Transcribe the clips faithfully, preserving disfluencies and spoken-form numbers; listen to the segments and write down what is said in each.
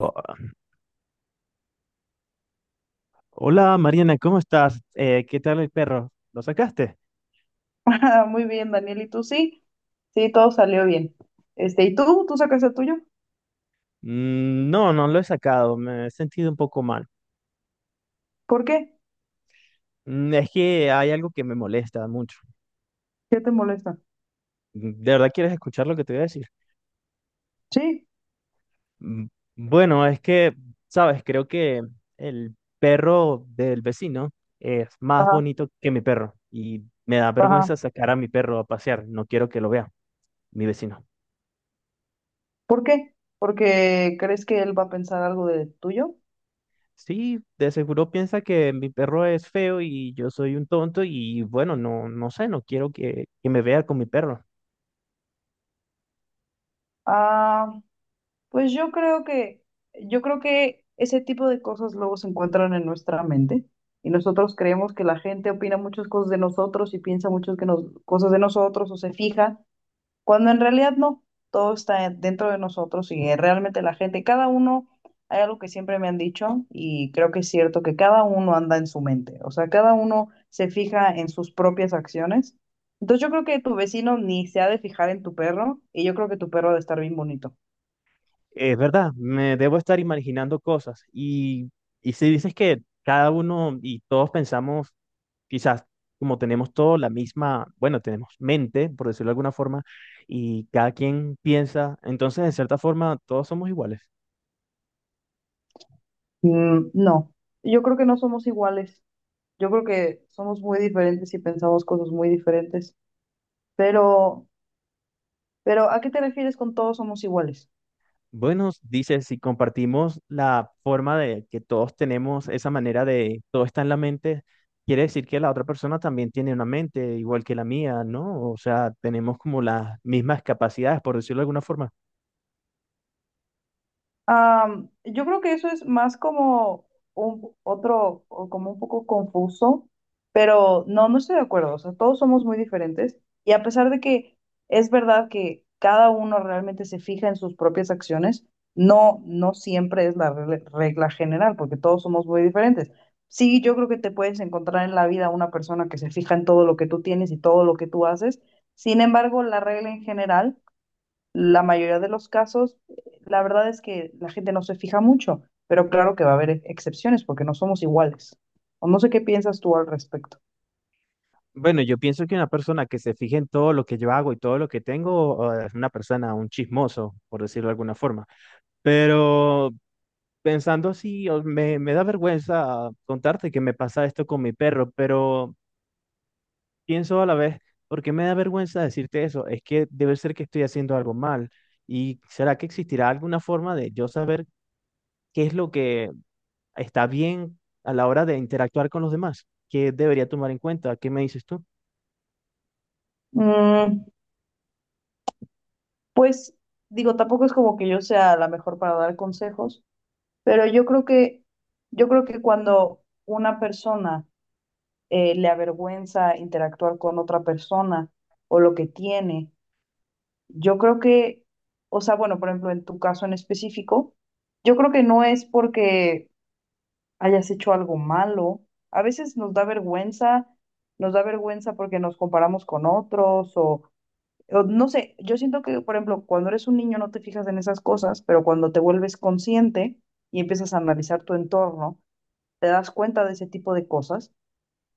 Oh, Hola Mariana, ¿cómo estás? Eh, ¿qué tal el perro? ¿Lo sacaste? Ah, muy bien, Daniel, ¿y tú sí? Sí, todo salió bien. Este, ¿y tú? ¿Tú sacaste el tuyo? Mm, no, no lo he sacado, me he sentido un poco mal. ¿Por qué? Mm, es que hay algo que me molesta mucho. ¿Qué te molesta? Mm, ¿De verdad quieres escuchar lo que te voy a decir? Sí, Mm, bueno, es que, sabes, creo que el perro del vecino es más ajá, bonito que mi perro y me da ajá. vergüenza sacar a mi perro a pasear, no quiero que lo vea mi vecino. ¿Por qué? ¿Porque crees que él va a pensar algo de tuyo? Sí, de seguro piensa que mi perro es feo y yo soy un tonto y bueno, no, no sé, no quiero que, que me vea con mi perro. Ah, pues yo creo que, yo creo que ese tipo de cosas luego se encuentran en nuestra mente y nosotros creemos que la gente opina muchas cosas de nosotros y piensa muchas que nos- cosas de nosotros o se fija. Cuando en realidad no, todo está dentro de nosotros y eh, realmente la gente, cada uno, hay algo que siempre me han dicho y creo que es cierto que cada uno anda en su mente, o sea, cada uno se fija en sus propias acciones. Entonces yo creo que tu vecino ni se ha de fijar en tu perro y yo creo que tu perro ha de estar bien bonito. Es verdad, me debo estar imaginando cosas. Y, y si dices que cada uno y todos pensamos, quizás como tenemos todos la misma, bueno, tenemos mente, por decirlo de alguna forma, y cada quien piensa, entonces de cierta forma todos somos iguales. Mm, no, yo creo que no somos iguales, yo creo que somos muy diferentes y pensamos cosas muy diferentes, pero, pero ¿a qué te refieres con todos somos iguales? Bueno, dice, si compartimos la forma de que todos tenemos esa manera de todo está en la mente, quiere decir que la otra persona también tiene una mente igual que la mía, ¿no? O sea, tenemos como las mismas capacidades, por decirlo de alguna forma. Am, yo creo que eso es más como un otro, o como un poco confuso, pero no, no estoy de acuerdo. O sea, todos somos muy diferentes y a pesar de que es verdad que cada uno realmente se fija en sus propias acciones, no, no siempre es la rele- regla general, porque todos somos muy diferentes. Sí, yo creo que te puedes encontrar en la vida una persona que se fija en todo lo que tú tienes y todo lo que tú haces. Sin embargo, la regla en general, la mayoría de los casos, la verdad es que la gente no se fija mucho, pero claro que va a haber ex- excepciones porque no somos iguales. O no sé qué piensas tú al respecto. Bueno, yo pienso que una persona que se fije en todo lo que yo hago y todo lo que tengo eh, es una persona, un chismoso, por decirlo de alguna forma. Pero pensando así, o- me, me da vergüenza contarte que me pasa esto con mi perro, pero... pienso a la vez, ¿porque me da vergüenza decirte eso? Es que debe ser que estoy haciendo algo mal. ¿Y será que existirá alguna forma de yo saber qué es lo que está bien a la hora de interactuar con los demás? ¿Qué debería tomar en cuenta? ¿Qué me dices tú? Mm, pues digo, tampoco es como que yo sea la mejor para dar consejos, pero yo creo que yo creo que cuando una persona eh, le avergüenza interactuar con otra persona o lo que tiene, yo creo que, o sea, bueno, por ejemplo, en tu caso en específico, yo creo que no es porque hayas hecho algo malo. A veces nos da vergüenza, nos da vergüenza porque nos comparamos con otros o, o no sé, yo siento que, por ejemplo, cuando eres un niño no te fijas en esas cosas, pero cuando te vuelves consciente y empiezas a analizar tu entorno, te das cuenta de ese tipo de cosas.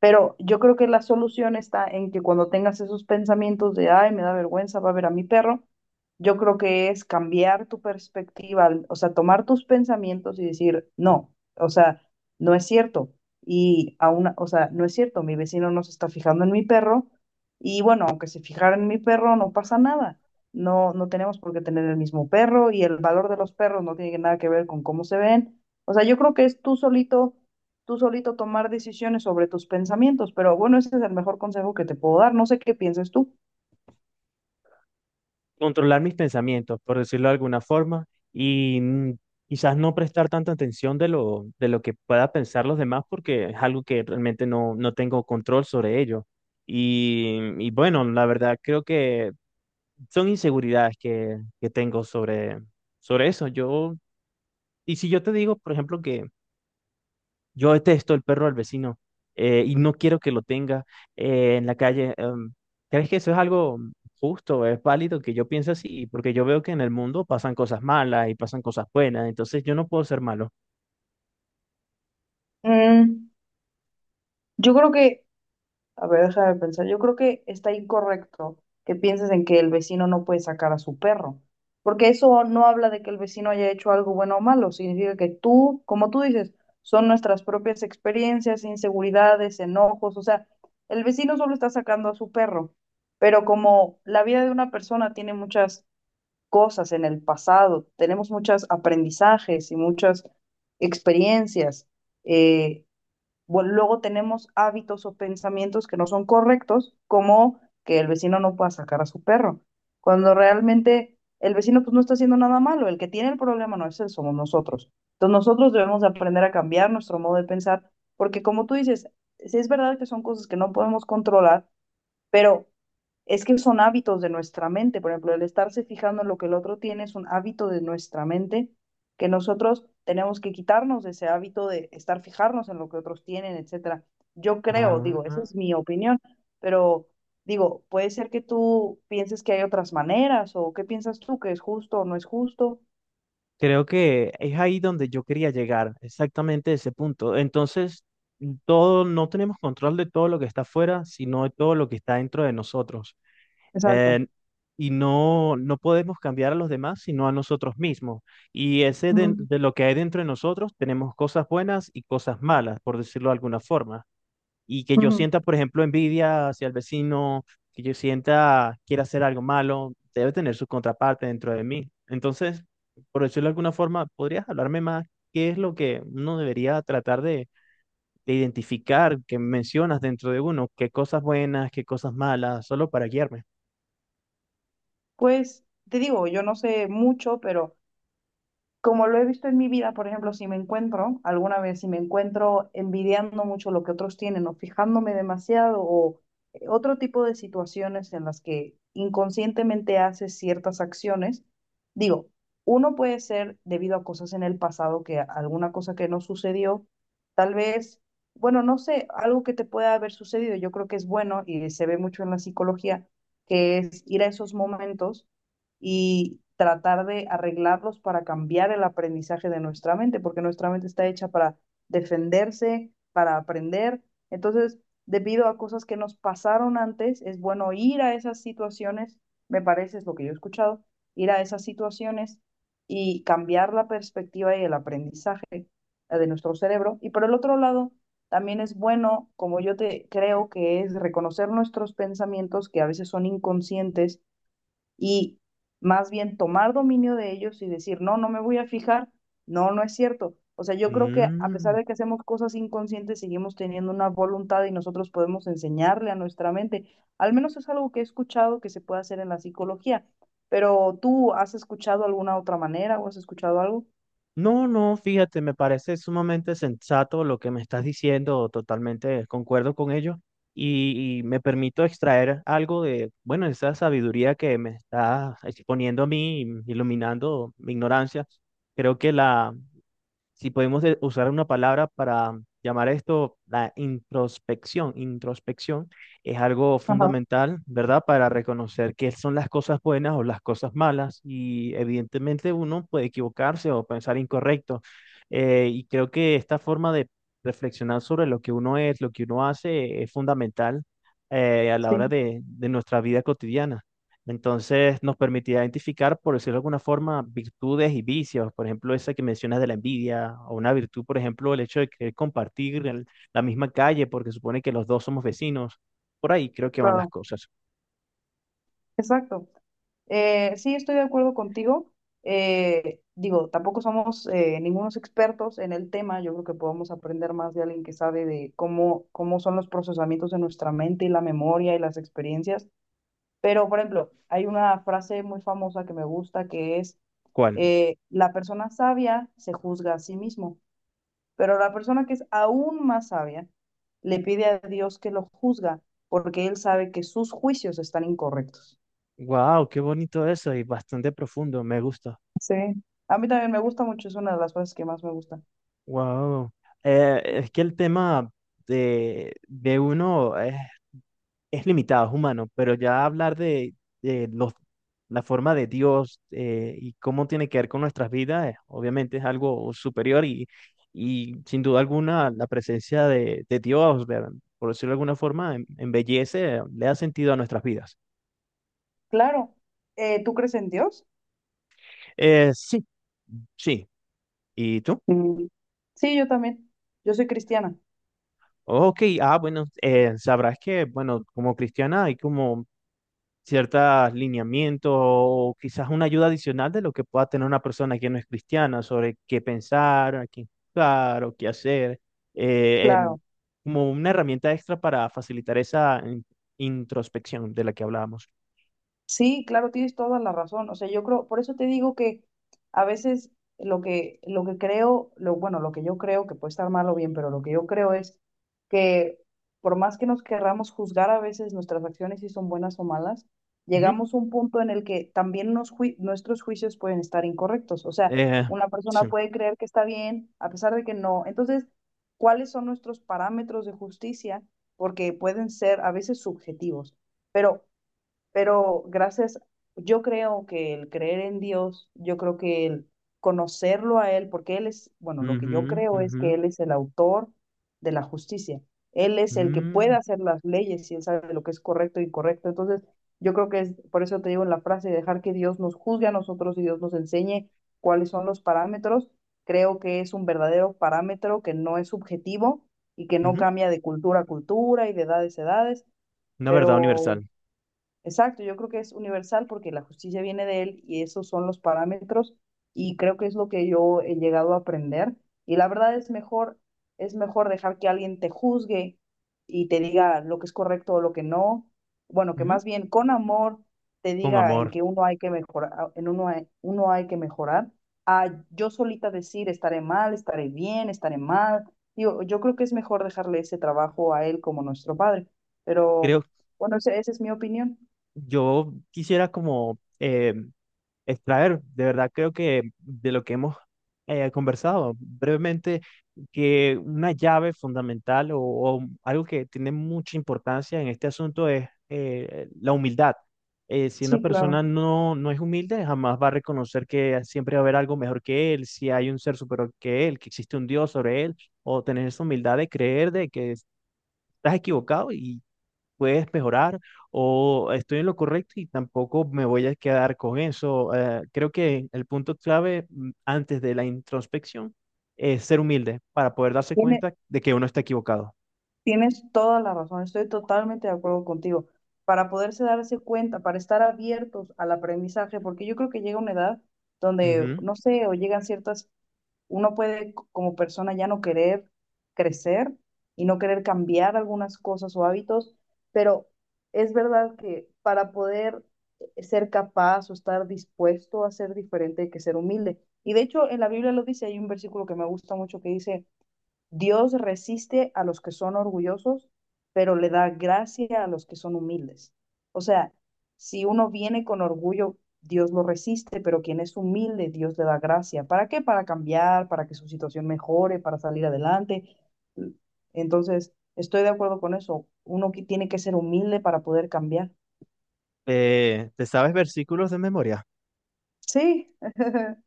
Pero yo creo que la solución está en que cuando tengas esos pensamientos de, ay, me da vergüenza, va a ver a mi perro, yo creo que es cambiar tu perspectiva, al- o sea, tomar tus pensamientos y decir, no, o sea, no es cierto. Y aún, o sea, no es cierto, mi vecino no se está fijando en mi perro y bueno, aunque se fijara en mi perro, no pasa nada. No, no tenemos por qué tener el mismo perro y el valor de los perros no tiene nada que ver con cómo se ven. O sea, yo creo que es tú solito tú solito tomar decisiones sobre tus pensamientos, pero bueno, ese es el mejor consejo que te puedo dar. No sé qué piensas tú. Controlar mis pensamientos, por decirlo de alguna forma, y mm, quizás no prestar tanta atención de lo, de lo que pueda pensar los demás, porque es algo que realmente no, no tengo control sobre ello. Y, y bueno, la verdad creo que son inseguridades que, que tengo sobre, sobre eso. Yo, y si yo te digo, por ejemplo, que yo detesto el perro del vecino eh, y no quiero que lo tenga eh, en la calle, em, ¿crees que eso es algo justo, es válido que yo piense así? Porque yo veo que en el mundo pasan cosas malas y pasan cosas buenas, entonces yo no puedo ser malo. Mm, yo creo que, a ver, déjame pensar, yo creo que está incorrecto que pienses en que el vecino no puede sacar a su perro, porque eso no habla de que el vecino haya hecho algo bueno o malo, significa que tú, como tú dices, son nuestras propias experiencias, inseguridades, enojos, o sea, el vecino solo está sacando a su perro, pero como la vida de una persona tiene muchas cosas en el pasado, tenemos muchos aprendizajes y muchas experiencias. Eh, bueno, luego tenemos hábitos o pensamientos que no son correctos, como que el vecino no pueda sacar a su perro, cuando realmente el vecino pues no está haciendo nada malo, el que tiene el problema no es él, somos nosotros. Entonces nosotros debemos de aprender a cambiar nuestro modo de pensar, porque como tú dices, sí es verdad que son cosas que no podemos controlar, pero es que son hábitos de nuestra mente, por ejemplo, el estarse fijando en lo que el otro tiene es un hábito de nuestra mente que nosotros tenemos que quitarnos de ese hábito de estar fijarnos en lo que otros tienen, etcétera. Yo creo, digo, esa Ah. es mi opinión, pero digo, puede ser que tú pienses que hay otras maneras o qué piensas tú que es justo o no es justo. Creo que es ahí donde yo quería llegar, exactamente ese punto. Entonces, todo, no tenemos control de todo lo que está afuera, sino de todo lo que está dentro de nosotros. Exacto. Eh, y no, no podemos cambiar a los demás, sino a nosotros mismos. Y ese de, Ujú, de lo que hay dentro de nosotros, tenemos cosas buenas y cosas malas, por decirlo de alguna forma. Y que yo ujú. sienta, por ejemplo, envidia hacia el vecino, que yo sienta quiera hacer algo malo, debe tener su contraparte dentro de mí. Entonces, por decirlo de alguna forma, ¿podrías hablarme más qué es lo que uno debería tratar de, de identificar que mencionas dentro de uno? ¿Qué cosas buenas, qué cosas malas, solo para guiarme? Pues te digo, yo no sé mucho, pero como lo he visto en mi vida, por ejemplo, si me encuentro, alguna vez, si me encuentro envidiando mucho lo que otros tienen o fijándome demasiado o eh, otro tipo de situaciones en las que inconscientemente haces ciertas acciones, digo, uno puede ser debido a cosas en el pasado, que a- alguna cosa que no sucedió, tal vez, bueno, no sé, algo que te pueda haber sucedido, yo creo que es bueno y se ve mucho en la psicología, que es ir a esos momentos y tratar de arreglarlos para cambiar el aprendizaje de nuestra mente, porque nuestra mente está hecha para defenderse, para aprender. Entonces, debido a cosas que nos pasaron antes, es bueno ir a esas situaciones, me parece, es lo que yo he escuchado, ir a esas situaciones y cambiar la perspectiva y el aprendizaje eh, de nuestro cerebro. Y por el otro lado, también es bueno, como yo te creo que es reconocer nuestros pensamientos que a veces son inconscientes y más bien tomar dominio de ellos y decir, no, no me voy a fijar, no, no es cierto. O sea, yo creo que a pesar Mm, de que hacemos cosas inconscientes, seguimos teniendo una voluntad y nosotros podemos enseñarle a nuestra mente. Al menos es algo que he escuchado que se puede hacer en la psicología, pero ¿tú has escuchado alguna otra manera o has escuchado algo? No, no, fíjate, me parece sumamente sensato lo que me estás diciendo, totalmente concuerdo con ello y, y me permito extraer algo de, bueno, esa sabiduría que me está exponiendo a mí, iluminando mi ignorancia. Creo que la, si podemos eh, usar una palabra para llamar esto la introspección, introspección es algo Ajá, fundamental, ¿verdad? Para reconocer qué son las cosas buenas o las cosas malas y evidentemente uno puede equivocarse o pensar incorrecto. Eh, y creo que esta forma de reflexionar sobre lo que uno es, lo que uno hace, es fundamental eh, a la sí, hora de, de nuestra vida cotidiana. Entonces nos permitía identificar, por decirlo de alguna forma, virtudes y vicios. Por ejemplo, esa que mencionas de la envidia, o una virtud, por ejemplo, el hecho de querer compartir el- la misma calle, porque supone que los dos somos vecinos. Por ahí creo que van las claro. cosas. Exacto. Eh, sí, estoy de acuerdo contigo. Eh, digo, tampoco somos eh, ningunos expertos en el tema. Yo creo que podemos aprender más de alguien que sabe de cómo, cómo son los procesamientos de nuestra mente y la memoria y las experiencias. Pero, por ejemplo, hay una frase muy famosa que me gusta que es, ¿Cuál? eh, la persona sabia se juzga a sí mismo, pero la persona que es aún más sabia le pide a Dios que lo juzga porque él sabe que sus juicios están incorrectos. Wow, qué bonito eso y bastante profundo. Me gusta. Sí, a mí también me gusta mucho, es una de las cosas que más me gusta. Wow. Eh, es que el tema de, de uno es, es limitado, es humano, pero ya hablar de, de los, la forma de Dios eh, y cómo tiene que ver con nuestras vidas, eh, obviamente es algo superior y, y sin duda alguna la presencia de, de Dios, ver- por decirlo de alguna forma, em- embellece, eh, le da sentido a nuestras vidas. Claro, eh, ¿tú crees en Dios? Eh, sí, sí. ¿Y tú? Mm, sí, yo también. Yo soy cristiana, Ok, ah, bueno, eh, sabrás que, bueno, como cristiana hay como ciertos lineamientos o quizás una ayuda adicional de lo que pueda tener una persona que no es cristiana sobre qué pensar, a qué buscar o qué hacer, eh, em, claro. como una herramienta extra para facilitar esa in- introspección de la que hablábamos. Sí, claro, tienes toda la razón. O sea, yo creo, por eso te digo que a veces lo que, lo que creo, lo, bueno, lo que yo creo, que puede estar mal o bien, pero lo que yo creo es que por más que nos querramos juzgar a veces nuestras acciones si son buenas o malas, Ujú. llegamos a un punto en el que también nos jui- nuestros juicios pueden estar incorrectos. O sea, Eh, una persona sí. puede creer que está bien a pesar de que no. Entonces, ¿cuáles son nuestros parámetros de justicia? Porque pueden ser a veces subjetivos. Pero pero gracias, yo creo que el creer en Dios, yo creo que el conocerlo a Él, porque Él es, bueno, lo que Ujú, yo creo es ujú, que Él es el autor de la justicia. Él es el que puede mm, hacer las leyes y Él sabe lo que es correcto e incorrecto. Entonces, yo creo que es, por eso te digo en la frase, dejar que Dios nos juzgue a nosotros y Dios nos enseñe cuáles son los parámetros. Creo que es un verdadero parámetro que no es subjetivo y que no ujú. cambia de cultura a cultura y de edades a edades Una verdad pero. universal, Exacto, yo creo que es universal porque la justicia viene de él y esos son los parámetros y creo que es lo que yo he llegado a aprender y la verdad es mejor, es mejor dejar que alguien te juzgue y te diga lo que es correcto o lo que no, bueno, que ujú. más bien con amor te Con diga en amor. que uno hay que mejorar, en uno hay, uno hay que mejorar, a yo solita decir estaré mal, estaré bien, estaré mal. Digo, yo creo que es mejor dejarle ese trabajo a él como nuestro padre, pero Creo, bueno, ese- esa es mi opinión. yo quisiera como eh, extraer, de verdad creo que de lo que hemos eh, conversado brevemente, que una llave fundamental o, o algo que tiene mucha importancia en este asunto es eh, la humildad. Eh, si una Sí, claro. persona no, no es humilde, jamás va a reconocer que siempre va a haber algo mejor que él, si hay un ser superior que él, que existe un Dios sobre él, o tener esa humildad de creer de que estás equivocado y puedes mejorar o estoy en lo correcto y tampoco me voy a quedar con eso. Eh, creo que el punto clave mm, antes de la introspección es ser humilde para poder darse Tiene- cuenta de que uno está equivocado. tienes toda la razón. Estoy totalmente de acuerdo contigo. Para poderse darse cuenta, para estar abiertos al aprendizaje, porque yo creo que llega una edad donde, Ujú. no sé, o llegan ciertas, uno puede c- como persona ya no querer crecer y no querer cambiar algunas cosas o hábitos, pero es verdad que para poder ser capaz o estar dispuesto a ser diferente hay que ser humilde. Y de hecho, en la Biblia lo dice, hay un versículo que me gusta mucho que dice: Dios resiste a los que son orgullosos, pero le da gracia a los que son humildes. O sea, si uno viene con orgullo, Dios lo resiste, pero quien es humilde, Dios le da gracia. ¿Para qué? Para cambiar, para que su situación mejore, para salir adelante. Entonces, estoy de acuerdo con eso. Uno que tiene que ser humilde para poder cambiar. Eh, ¿te sabes versículos de memoria? Sí.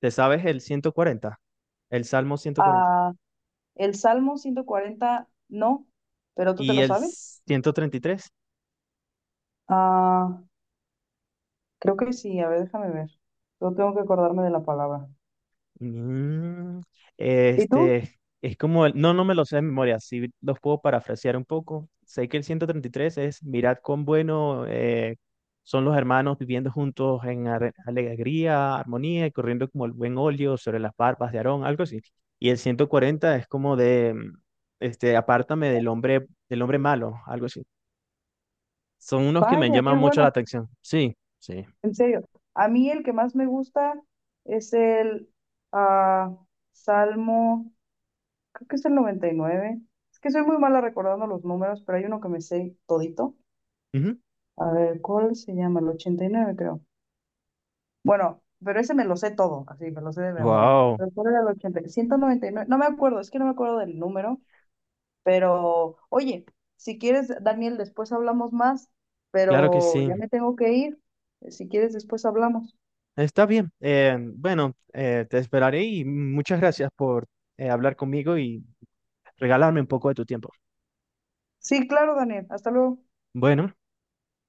¿Te sabes el ciento cuarenta, el Salmo ciento cuarenta Ah, el Salmo ciento cuarenta, no, pero tú te y lo el sabes. ciento treinta y tres? Ah, creo que sí, a ver, déjame ver. Yo tengo que acordarme de la palabra. Mm, ¿Y tú? este, es como, el- no, no me lo sé de memoria, sí los puedo parafrasear un poco. Sé que el ciento treinta y tres es, mirad cuán bueno eh, son los hermanos viviendo juntos en ar- alegría, armonía y corriendo como el buen óleo sobre las barbas de Aarón, algo así. Y el ciento cuarenta es como de, mm, este, apártame del hombre, del hombre malo, algo así. Son unos que me Vaya, qué llaman mucho la bueno, atención. Sí, sí. en serio. A mí el que más me gusta es el ah, Salmo, creo que es el noventa y nueve. Es que soy muy mala recordando los números, pero hay uno que me sé todito. A ver, ¿cuál se llama? El ochenta y nueve creo. Bueno, pero ese me lo sé todo, así, me lo sé de memoria. Wow, Pero ¿cuál era? El ochenta, ciento noventa y nueve no me acuerdo, es que no me acuerdo del número. Pero, oye, si quieres, Daniel, después hablamos más, claro que pero sí. ya me tengo que ir. Si quieres, después hablamos. Está bien. Eh, bueno, eh, te esperaré y muchas gracias por eh, hablar conmigo y regalarme un poco de tu tiempo. Sí, claro, Daniel. Hasta luego. Bueno.